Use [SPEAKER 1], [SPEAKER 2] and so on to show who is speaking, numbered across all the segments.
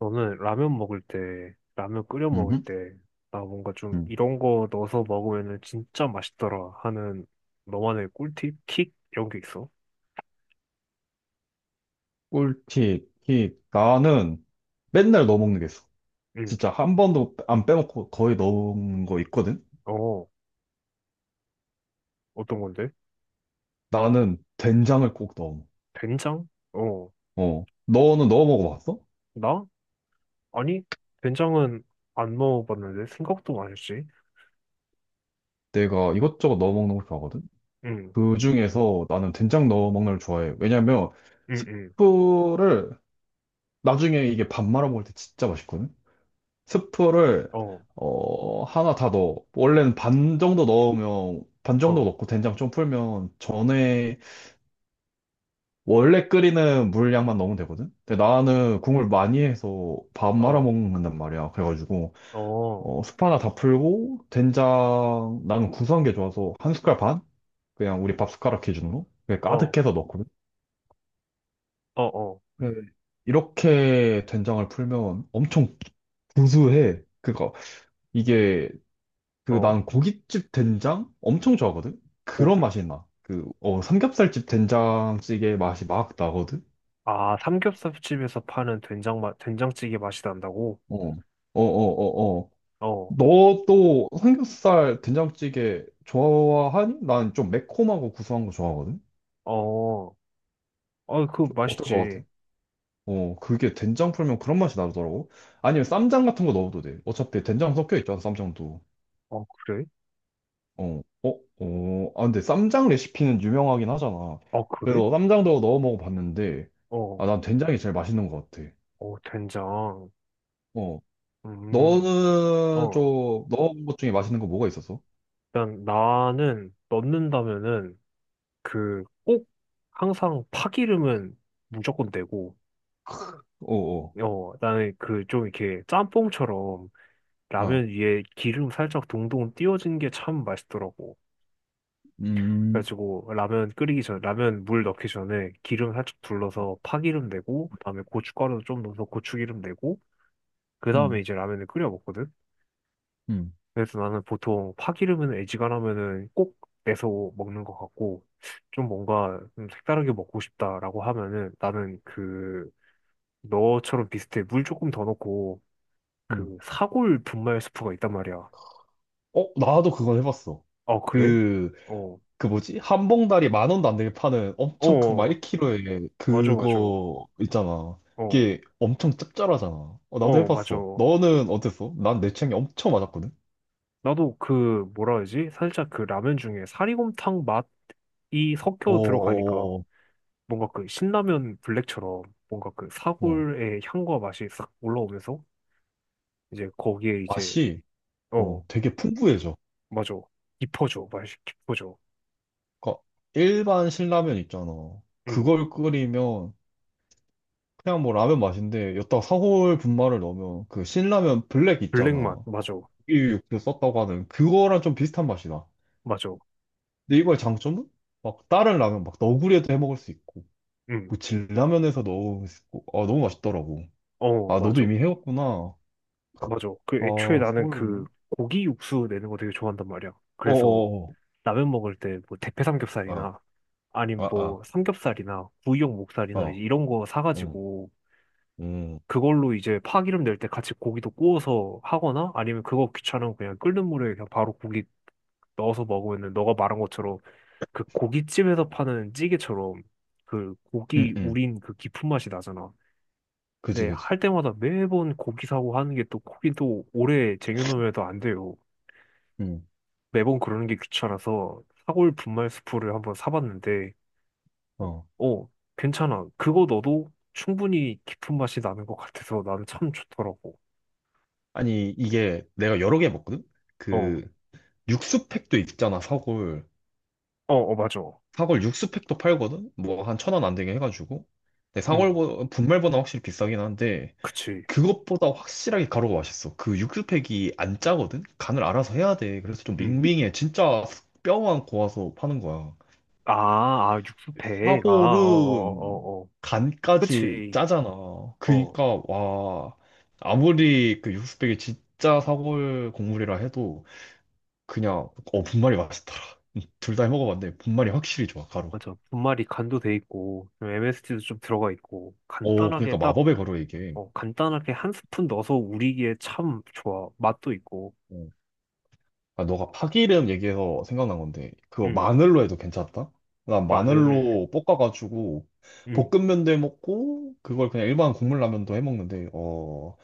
[SPEAKER 1] 저는 라면 먹을 때, 라면 끓여 먹을
[SPEAKER 2] 음흠,
[SPEAKER 1] 때, 나 뭔가 좀
[SPEAKER 2] 음.
[SPEAKER 1] 이런 거 넣어서 먹으면은 진짜 맛있더라 하는 너만의 꿀팁? 킥? 이런 게 있어?
[SPEAKER 2] 꿀팁, 팁. 나는 맨날 넣어 먹는 게 있어.
[SPEAKER 1] 응.
[SPEAKER 2] 진짜 한 번도 안 빼먹고 거의 넣어 먹는 거 있거든?
[SPEAKER 1] 어, 어떤 건데?
[SPEAKER 2] 나는 된장을 꼭 넣어 먹어.
[SPEAKER 1] 된장? 어,
[SPEAKER 2] 어. 너는 넣어 먹어봤어?
[SPEAKER 1] 나? 아니, 된장은 안 넣어봤는데 생각도 맛있지?
[SPEAKER 2] 내가 이것저것 넣어 먹는 걸 좋아하거든?
[SPEAKER 1] 응,
[SPEAKER 2] 그 중에서 나는 된장 넣어 먹는 걸 좋아해. 왜냐면
[SPEAKER 1] 응, 응.
[SPEAKER 2] 스프를 나중에 이게 밥 말아 먹을 때 진짜 맛있거든? 스프를
[SPEAKER 1] 어,
[SPEAKER 2] 어, 하나 다 넣어. 원래는 반 정도 넣으면, 반 정도
[SPEAKER 1] 어,
[SPEAKER 2] 넣고 된장 좀 풀면 전에 원래 끓이는 물 양만 넣으면 되거든? 근데 나는 국물 많이 해서 밥 말아
[SPEAKER 1] 어,
[SPEAKER 2] 먹는단 말이야. 그래가지고,
[SPEAKER 1] 어,
[SPEAKER 2] 어, 숯 하나 다 풀고, 된장, 나는 구수한 게 좋아서 한 숟갈 반? 그냥 우리 밥 숟가락 기준으로? 그냥
[SPEAKER 1] 어,
[SPEAKER 2] 가득해서 넣거든?
[SPEAKER 1] 어, 어,
[SPEAKER 2] 네. 이렇게 된장을 풀면 엄청 구수해. 그니까, 이게, 그
[SPEAKER 1] 어.
[SPEAKER 2] 난 고깃집 된장? 엄청 좋아하거든?
[SPEAKER 1] 고,
[SPEAKER 2] 그런 맛이 나. 그, 어, 삼겹살집 된장찌개 맛이 막 나거든?
[SPEAKER 1] 아, 삼겹살집에서 파는 된장 맛, 된장찌개 맛이 난다고?
[SPEAKER 2] 어, 어, 어, 어, 어.
[SPEAKER 1] 어,
[SPEAKER 2] 너 또 삼겹살 된장찌개 좋아하니? 난 좀 매콤하고 구수한 거 좋아하거든?
[SPEAKER 1] 어. 아, 그거
[SPEAKER 2] 좀 어떨 것
[SPEAKER 1] 맛있지.
[SPEAKER 2] 같아? 어, 그게 된장 풀면 그런 맛이 나더라고. 아니면 쌈장 같은 거 넣어도 돼. 어차피 된장 섞여 있잖아, 쌈장도.
[SPEAKER 1] 어, 그래?
[SPEAKER 2] 어, 어, 어. 아, 근데 쌈장 레시피는 유명하긴 하잖아.
[SPEAKER 1] 어, 그래?
[SPEAKER 2] 그래서 쌈장도 넣어 먹어봤는데,
[SPEAKER 1] 어,
[SPEAKER 2] 아, 난 된장이 제일 맛있는 것 같아.
[SPEAKER 1] 어, 된장.
[SPEAKER 2] 어.
[SPEAKER 1] 음,
[SPEAKER 2] 너는
[SPEAKER 1] 어.
[SPEAKER 2] 좀 넣어본 것 중에 맛있는 거 뭐가 있었어?
[SPEAKER 1] 일단 나는 넣는다면은 그 꼭 항상 파기름은 무조건 내고,
[SPEAKER 2] 어, 어.
[SPEAKER 1] 어, 나는 그 좀 이렇게 짬뽕처럼
[SPEAKER 2] 아.
[SPEAKER 1] 라면 위에 기름 살짝 동동 띄워진 게 참 맛있더라고.
[SPEAKER 2] 음,
[SPEAKER 1] 그래가지고 라면 끓이기 전, 라면 물 넣기 전에 기름 살짝 둘러서 파기름 내고, 그다음에 고춧가루 좀 넣어서 고추기름 내고, 그 다음에
[SPEAKER 2] 음,
[SPEAKER 1] 이제 라면을 끓여 먹거든.
[SPEAKER 2] 음,
[SPEAKER 1] 그래서 나는 보통 파기름은 애지간하면은 꼭 내서 먹는 것 같고, 좀 뭔가 좀 색다르게 먹고 싶다라고 하면은 나는 그, 너처럼 비슷해. 물 조금 더 넣고,
[SPEAKER 2] 음.
[SPEAKER 1] 그 사골 분말 스프가 있단 말이야.
[SPEAKER 2] 어, 나도 그건 해봤어.
[SPEAKER 1] 어, 그래?
[SPEAKER 2] 그,
[SPEAKER 1] 어,
[SPEAKER 2] 뭐지? 한 봉다리 만 원도 안 되게 파는
[SPEAKER 1] 어,
[SPEAKER 2] 엄청 큰, 막
[SPEAKER 1] 어.
[SPEAKER 2] 1kg에
[SPEAKER 1] 맞아, 맞아.
[SPEAKER 2] 그거 있잖아.
[SPEAKER 1] 어,
[SPEAKER 2] 이게 엄청 짭짤하잖아. 어, 나도
[SPEAKER 1] 어, 맞아.
[SPEAKER 2] 해봤어. 너는 어땠어? 난 내 취향이 엄청 맞았거든?
[SPEAKER 1] 나도 그, 뭐라 하지? 살짝 그 라면 중에 사리곰탕 맛이
[SPEAKER 2] 어,
[SPEAKER 1] 섞여 들어가니까.
[SPEAKER 2] 어,
[SPEAKER 1] 뭔가 그 신라면 블랙처럼 뭔가 그
[SPEAKER 2] 어, 어.
[SPEAKER 1] 사골의 향과 맛이 싹 올라오면서 이제 거기에 이제
[SPEAKER 2] 맛이,
[SPEAKER 1] 어,
[SPEAKER 2] 어, 되게 풍부해져.
[SPEAKER 1] 맞아. 깊어져. 맛이 깊어져.
[SPEAKER 2] 그러니까 일반 신라면 있잖아.
[SPEAKER 1] 음,
[SPEAKER 2] 그걸 끓이면 그냥 뭐 라면 맛인데, 여기다가 사골 분말을 넣으면 그 신라면 블랙
[SPEAKER 1] 블랙 맛
[SPEAKER 2] 있잖아. 그
[SPEAKER 1] 맞아.
[SPEAKER 2] 고기 육수 썼다고 하는 그거랑 좀 비슷한 맛이다.
[SPEAKER 1] 맞아.
[SPEAKER 2] 근데 이거의 장점은 막 다른 라면 막 너구리에도 해 먹을 수 있고 뭐 진라면에서 넣을 수 있고 아 너무 맛있더라고. 아
[SPEAKER 1] 음어
[SPEAKER 2] 너도
[SPEAKER 1] 맞아.
[SPEAKER 2] 이미 해왔구나.
[SPEAKER 1] 맞아. 그 애초에
[SPEAKER 2] 아
[SPEAKER 1] 나는 그
[SPEAKER 2] 서울로만?
[SPEAKER 1] 고기 육수 내는 거 되게 좋아한단 말이야. 그래서
[SPEAKER 2] 어어어.
[SPEAKER 1] 라면 먹을 때 뭐 대패
[SPEAKER 2] 아
[SPEAKER 1] 삼겹살이나 아님 뭐
[SPEAKER 2] 아
[SPEAKER 1] 삼겹살이나 구이용
[SPEAKER 2] 아.
[SPEAKER 1] 목살이나 이제
[SPEAKER 2] 어.
[SPEAKER 1] 이런 거
[SPEAKER 2] 음.
[SPEAKER 1] 사가지고
[SPEAKER 2] 음.
[SPEAKER 1] 그걸로 이제 파기름 낼 때 같이 고기도 구워서 하거나 아니면 그거 귀찮으면 그냥 끓는 물에 그냥 바로 고기 넣어서 먹으면 너가 말한 것처럼 그 고깃집에서 파는 찌개처럼 그
[SPEAKER 2] 음.
[SPEAKER 1] 고기
[SPEAKER 2] 음.
[SPEAKER 1] 우린 그 깊은 맛이 나잖아.
[SPEAKER 2] 그지
[SPEAKER 1] 근데
[SPEAKER 2] 그지.
[SPEAKER 1] 할 때마다 매번 고기 사고 하는 게 또 고기 또 오래 쟁여놓으면 안 돼요.
[SPEAKER 2] 음.
[SPEAKER 1] 매번 그러는 게 귀찮아서 사골 분말 스프를 한번 사봤는데
[SPEAKER 2] 어.
[SPEAKER 1] 어, 괜찮아. 그거 넣어도 충분히 깊은 맛이 나는 것 같아서 나는 참 좋더라고.
[SPEAKER 2] 아니 이게 내가 여러 개 먹거든.
[SPEAKER 1] 어, 어,
[SPEAKER 2] 그 육수팩도 있잖아 사골.
[SPEAKER 1] 어, 맞아.
[SPEAKER 2] 사골 육수팩도 팔거든. 뭐 한 1,000원 안 되게 해가지고. 근데
[SPEAKER 1] 음,
[SPEAKER 2] 사골보 분말보다 확실히 비싸긴 한데.
[SPEAKER 1] 그치.
[SPEAKER 2] 그것보다 확실하게 가루가 맛있어. 그 육수팩이 안 짜거든? 간을 알아서 해야 돼. 그래서 좀
[SPEAKER 1] 음.
[SPEAKER 2] 밍밍해. 진짜 뼈만 고아서 파는 거야.
[SPEAKER 1] 아, 아, 육수팩. 아, 어,
[SPEAKER 2] 사골은
[SPEAKER 1] 어, 어, 어.
[SPEAKER 2] 간까지
[SPEAKER 1] 그치.
[SPEAKER 2] 짜잖아.
[SPEAKER 1] 어,
[SPEAKER 2] 그니까, 와, 아무리 그 육수팩이 진짜 사골 국물이라 해도 그냥, 어, 분말이 맛있더라. 둘 다 해먹어봤는데 분말이 확실히 좋아, 가루.
[SPEAKER 1] 맞아. 분말이 간도 돼 있고, MST 도좀 들어가 있고,
[SPEAKER 2] 어,
[SPEAKER 1] 간단하게
[SPEAKER 2] 그러니까
[SPEAKER 1] 딱,
[SPEAKER 2] 마법의 가루 이게.
[SPEAKER 1] 어, 간단하게 한 스푼 넣어서 우리기에 참 좋아. 맛도 있고,
[SPEAKER 2] 어. 아, 너가 파기름 얘기해서 생각난 건데, 그거
[SPEAKER 1] 음,
[SPEAKER 2] 마늘로 해도 괜찮다? 난
[SPEAKER 1] 마늘,
[SPEAKER 2] 마늘로 볶아가지고,
[SPEAKER 1] 음,
[SPEAKER 2] 볶음면도 해 먹고, 그걸 그냥 일반 국물라면도 해 먹는데, 어,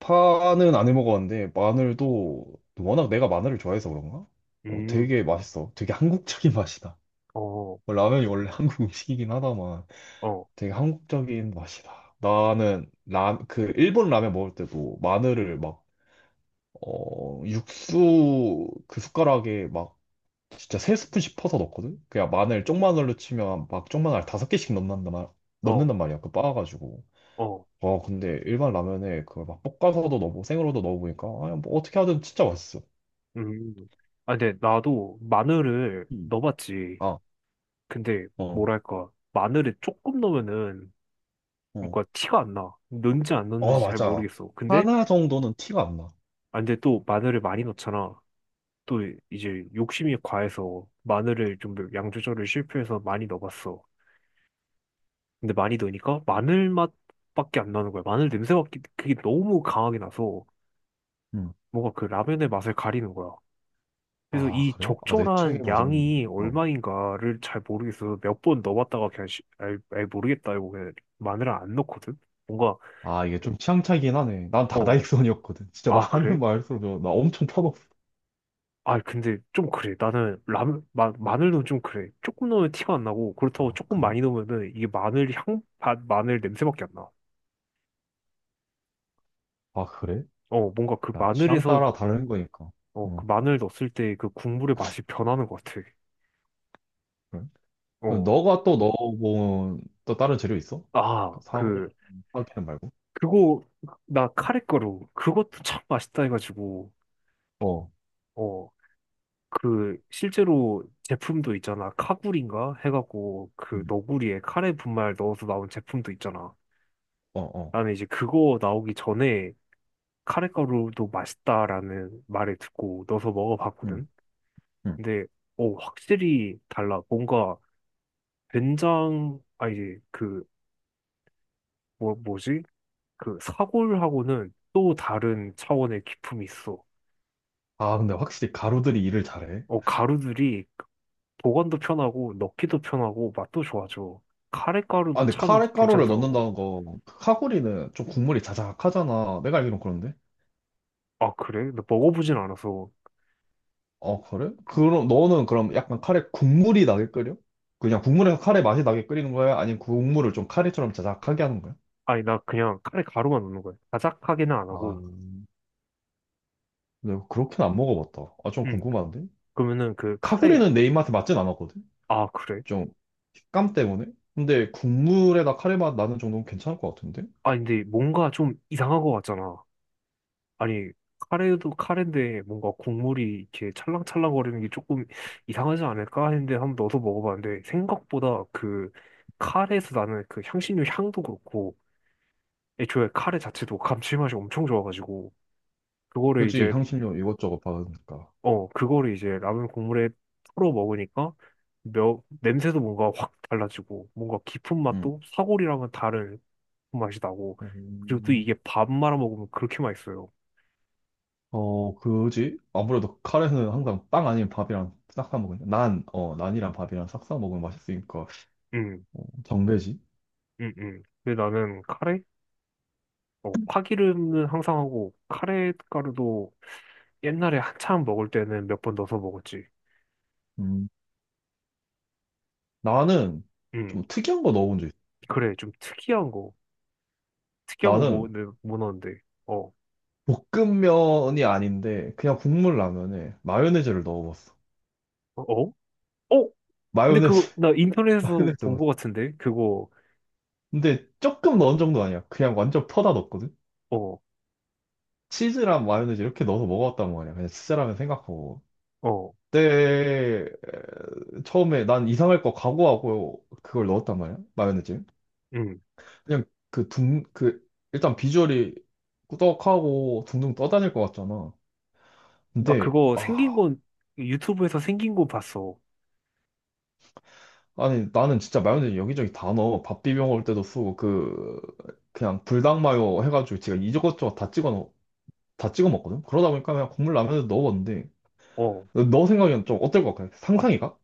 [SPEAKER 2] 파는 안 해 먹었는데, 마늘도, 워낙 내가 마늘을 좋아해서 그런가? 어,
[SPEAKER 1] 음,
[SPEAKER 2] 되게 맛있어. 되게 한국적인 맛이다.
[SPEAKER 1] 어,
[SPEAKER 2] 뭐 라면이 원래 한국 음식이긴 하다만,
[SPEAKER 1] 어,
[SPEAKER 2] 되게 한국적인 맛이다. 나는, 그, 일본 라면 먹을 때도 마늘을 막, 어, 육수 그 숟가락에 막 진짜 세 스푼 씩 퍼서 넣거든? 그냥 마늘 쪽마늘로 치면 막 쪽마늘 다섯 개씩 넣는단 말,
[SPEAKER 1] 어,
[SPEAKER 2] 넣는단 말이야. 그 빻아가지고.
[SPEAKER 1] 어,
[SPEAKER 2] 와, 근데 일반 라면에 그걸 막 볶아서도 넣고 생으로도 넣어보니까, 아, 뭐 어떻게 하든 진짜 맛있어.
[SPEAKER 1] 음. 아, 근데 나도 마늘을
[SPEAKER 2] 음.
[SPEAKER 1] 넣어봤지.
[SPEAKER 2] 아,
[SPEAKER 1] 근데,
[SPEAKER 2] 어,
[SPEAKER 1] 뭐랄까, 마늘을 조금 넣으면은
[SPEAKER 2] 어.
[SPEAKER 1] 뭔가 티가 안 나. 넣는지 안
[SPEAKER 2] 어
[SPEAKER 1] 넣는지 잘
[SPEAKER 2] 맞아.
[SPEAKER 1] 모르겠어. 근데,
[SPEAKER 2] 하나 정도는 티가 안 나.
[SPEAKER 1] 아, 근데 또 마늘을 많이 넣잖아. 또 이제 욕심이 과해서 마늘을 좀 양 조절을 실패해서 많이 넣어봤어. 근데 많이 넣으니까 마늘 맛밖에 안 나는 거야. 마늘 냄새밖에 그게 너무 강하게 나서
[SPEAKER 2] 음.
[SPEAKER 1] 뭔가 그 라면의 맛을 가리는 거야. 그래서
[SPEAKER 2] 아,
[SPEAKER 1] 이
[SPEAKER 2] 그래? 아, 내 취향에
[SPEAKER 1] 적절한
[SPEAKER 2] 맞아.
[SPEAKER 1] 양이
[SPEAKER 2] 어.
[SPEAKER 1] 얼마인가를 잘 모르겠어서 몇 번 넣어봤다가 그냥 아이, 아이 모르겠다, 이거 그냥 마늘을 안 넣거든. 뭔가
[SPEAKER 2] 아, 이게 좀 취향 차이긴 하네. 난
[SPEAKER 1] 어,
[SPEAKER 2] 다다익선이었거든. 진짜
[SPEAKER 1] 아,
[SPEAKER 2] 많은
[SPEAKER 1] 그래?
[SPEAKER 2] 말수로 나 엄청 터졌어.
[SPEAKER 1] 아, 근데 좀 그래. 나는 라면, 마늘 넣으면 좀 그래. 조금 넣으면 티가 안 나고, 그렇다고
[SPEAKER 2] 아,
[SPEAKER 1] 조금
[SPEAKER 2] 그래?
[SPEAKER 1] 많이 넣으면은 이게 마늘 향, 마늘 냄새밖에 안 나.
[SPEAKER 2] 아, 그래?
[SPEAKER 1] 어, 뭔가 그
[SPEAKER 2] 야, 취향
[SPEAKER 1] 마늘에서,
[SPEAKER 2] 따라 다른 거니까.
[SPEAKER 1] 어,
[SPEAKER 2] 어.
[SPEAKER 1] 그 마늘 넣었을 때 그 국물의 맛이 변하는 것 같아.
[SPEAKER 2] 그래.
[SPEAKER 1] 어,
[SPEAKER 2] 너가 또 넣어본 또 다른 재료 있어?
[SPEAKER 1] 아,
[SPEAKER 2] 그 사고,
[SPEAKER 1] 그,
[SPEAKER 2] 사기는 말고?
[SPEAKER 1] 그거, 나 카레가루, 그것도 참 맛있다 해가지고,
[SPEAKER 2] 어,
[SPEAKER 1] 어, 그, 실제로 제품도 있잖아. 카구리인가? 해갖고, 그
[SPEAKER 2] 음,
[SPEAKER 1] 너구리에 카레 분말 넣어서 나온 제품도 있잖아.
[SPEAKER 2] 어, 어.
[SPEAKER 1] 나는 이제 그거 나오기 전에 카레가루도 맛있다라는 말을 듣고 넣어서
[SPEAKER 2] 음,
[SPEAKER 1] 먹어봤거든.
[SPEAKER 2] 음.
[SPEAKER 1] 근데 어, 확실히 달라. 뭔가 된장, 아, 이제 그 뭐, 뭐지? 그 사골하고는 또 다른 차원의 기품이 있어.
[SPEAKER 2] 아, 근데 확실히 가루들이 일을 잘해.
[SPEAKER 1] 어, 가루들이 보관도 편하고 넣기도 편하고 맛도 좋아져.
[SPEAKER 2] 아,
[SPEAKER 1] 카레가루도
[SPEAKER 2] 근데
[SPEAKER 1] 참
[SPEAKER 2] 카레가루를
[SPEAKER 1] 괜찮더라고.
[SPEAKER 2] 넣는다는 거, 그 카구리는 좀 국물이 자작하잖아. 내가 알기론 그런데.
[SPEAKER 1] 아, 그래? 나 먹어보진 않아서.
[SPEAKER 2] 어, 그래? 그럼 너는 그럼 약간 카레 국물이 나게 끓여? 그냥 국물에서 카레 맛이 나게 끓이는 거야? 아니면 국물을 좀 카레처럼 자작하게 하는 거야?
[SPEAKER 1] 아니, 나 그냥 카레 가루만 넣는 거야. 자작하게는 안
[SPEAKER 2] 아,
[SPEAKER 1] 하고.
[SPEAKER 2] 근데 그렇게는 안 먹어봤다. 아, 좀
[SPEAKER 1] 음,
[SPEAKER 2] 궁금한데?
[SPEAKER 1] 그러면은 그 카레
[SPEAKER 2] 카구리는 내 입맛에 맞진 않았거든?
[SPEAKER 1] 아, 그래?
[SPEAKER 2] 좀 식감 때문에? 근데 국물에다 카레 맛 나는 정도면 괜찮을 것 같은데?
[SPEAKER 1] 아니, 근데 뭔가 좀 이상한 것 같잖아. 아니, 카레도 카레인데 뭔가 국물이 이렇게 찰랑찰랑거리는 게 조금 이상하지 않을까 했는데 한번 넣어서 먹어봤는데 생각보다 그 카레에서 나는 그 향신료 향도 그렇고 애초에 카레 자체도 감칠맛이 엄청 좋아가지고 그거를
[SPEAKER 2] 그지?
[SPEAKER 1] 이제
[SPEAKER 2] 향신료 이것저것 받으니까.
[SPEAKER 1] 어, 그거를 이제 라면 국물에 풀어 먹으니까 냄새도 뭔가 확 달라지고 뭔가 깊은
[SPEAKER 2] 응.
[SPEAKER 1] 맛도 사골이랑은 다른 맛이 나고 그리고 또
[SPEAKER 2] 음,
[SPEAKER 1] 이게 밥 말아 먹으면 그렇게 맛있어요.
[SPEAKER 2] 어, 그지? 아무래도 카레는 항상 빵 아니면 밥이랑 싹싸 먹으니까. 난, 어, 난이랑 밥이랑 싹싸 먹으면 맛있으니까.
[SPEAKER 1] 음.
[SPEAKER 2] 어, 정배지?
[SPEAKER 1] 응, 응. 근데 나는 카레? 어, 파기름은 항상 하고, 카레 가루도 옛날에 한참 먹을 때는 몇 번 넣어서 먹었지.
[SPEAKER 2] 음. 나는
[SPEAKER 1] 응.
[SPEAKER 2] 좀 특이한 거 넣어본 적 있어.
[SPEAKER 1] 그래, 좀 특이한 거. 특이한 거
[SPEAKER 2] 나는
[SPEAKER 1] 먹었는데, 뭐 넣었는데. 어,
[SPEAKER 2] 볶음면이 아닌데 그냥 국물 라면에 마요네즈를 넣어봤어.
[SPEAKER 1] 어? 어? 어? 근데
[SPEAKER 2] 마요네즈,
[SPEAKER 1] 그거, 나 인터넷에서
[SPEAKER 2] 마요네즈.
[SPEAKER 1] 본
[SPEAKER 2] 넣었어.
[SPEAKER 1] 거 같은데? 그거,
[SPEAKER 2] 근데 조금 넣은 정도 아니야. 그냥 완전 퍼다 넣었거든?
[SPEAKER 1] 어,
[SPEAKER 2] 치즈랑 마요네즈 이렇게 넣어서 먹어봤단 말이야. 그냥 치즈라면 생각하고.
[SPEAKER 1] 어,
[SPEAKER 2] 그때 처음에 난 이상할 거 각오하고 그걸 넣었단 말이야. 마요네즈.
[SPEAKER 1] 응.
[SPEAKER 2] 그냥 그 일단 비주얼이 꾸덕하고 둥둥 떠다닐 것 같잖아.
[SPEAKER 1] 나
[SPEAKER 2] 근데
[SPEAKER 1] 그거 생긴
[SPEAKER 2] 아,
[SPEAKER 1] 건, 유튜브에서 생긴 거 봤어.
[SPEAKER 2] 아니 나는 진짜 마요네즈 여기저기 다 넣어. 밥 비벼 먹을 때도 쓰고 그 그냥 불닭 마요 해가지고 제가 이것저것 다 찍어 먹거든. 그러다 보니까 그냥 국물 라면에 넣어봤는데
[SPEAKER 1] 어.
[SPEAKER 2] 너 생각엔 좀 어떨 것 같아?
[SPEAKER 1] 아,
[SPEAKER 2] 상상이가?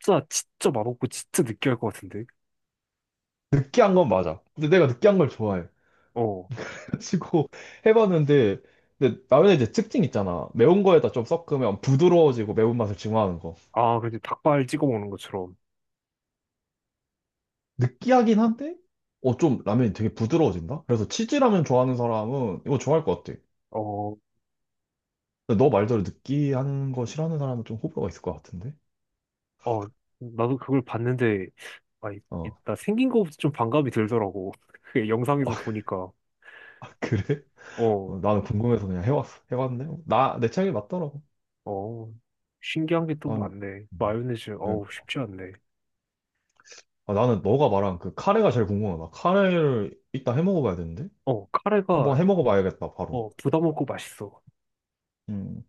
[SPEAKER 1] 진짜, 진짜 맛없고, 진짜 느끼할 것 같은데?
[SPEAKER 2] 느끼한 건 맞아. 근데 내가 느끼한 걸 좋아해.
[SPEAKER 1] 어.
[SPEAKER 2] 그래가지고 해봤는데, 근데 라면에 이제 특징 있잖아. 매운 거에다 좀 섞으면 부드러워지고 매운맛을 증화하는 거.
[SPEAKER 1] 아, 그치. 닭발 찍어 먹는 것처럼.
[SPEAKER 2] 느끼하긴 한데, 어, 좀 라면이 되게 부드러워진다? 그래서 치즈라면 좋아하는 사람은 이거 좋아할 것 같아.
[SPEAKER 1] 어.
[SPEAKER 2] 근데 너 말대로 느끼한 거 싫어하는 사람은 좀 호불호가 있을 것 같은데?
[SPEAKER 1] 어, 나도 그걸 봤는데, 아,
[SPEAKER 2] 어.
[SPEAKER 1] 나 생긴 거부터 좀 반감이 들더라고. 그 영상에서 보니까.
[SPEAKER 2] 아, 그래?
[SPEAKER 1] 어,
[SPEAKER 2] 어, 나는 궁금해서 그냥 해왔어. 해봤는데, 어, 나, 내 취향이 맞더라고.
[SPEAKER 1] 어, 신기한 게 또
[SPEAKER 2] 난,
[SPEAKER 1] 많네.
[SPEAKER 2] 음,
[SPEAKER 1] 마요네즈,
[SPEAKER 2] 네.
[SPEAKER 1] 어우, 쉽지 않네.
[SPEAKER 2] 아, 나는 너가 말한 그 카레가 제일 궁금하다. 카레를 이따 해 먹어봐야 되는데?
[SPEAKER 1] 어, 카레가,
[SPEAKER 2] 한번 해 먹어봐야겠다, 바로.
[SPEAKER 1] 어, 부담 없고 맛있어.
[SPEAKER 2] 음.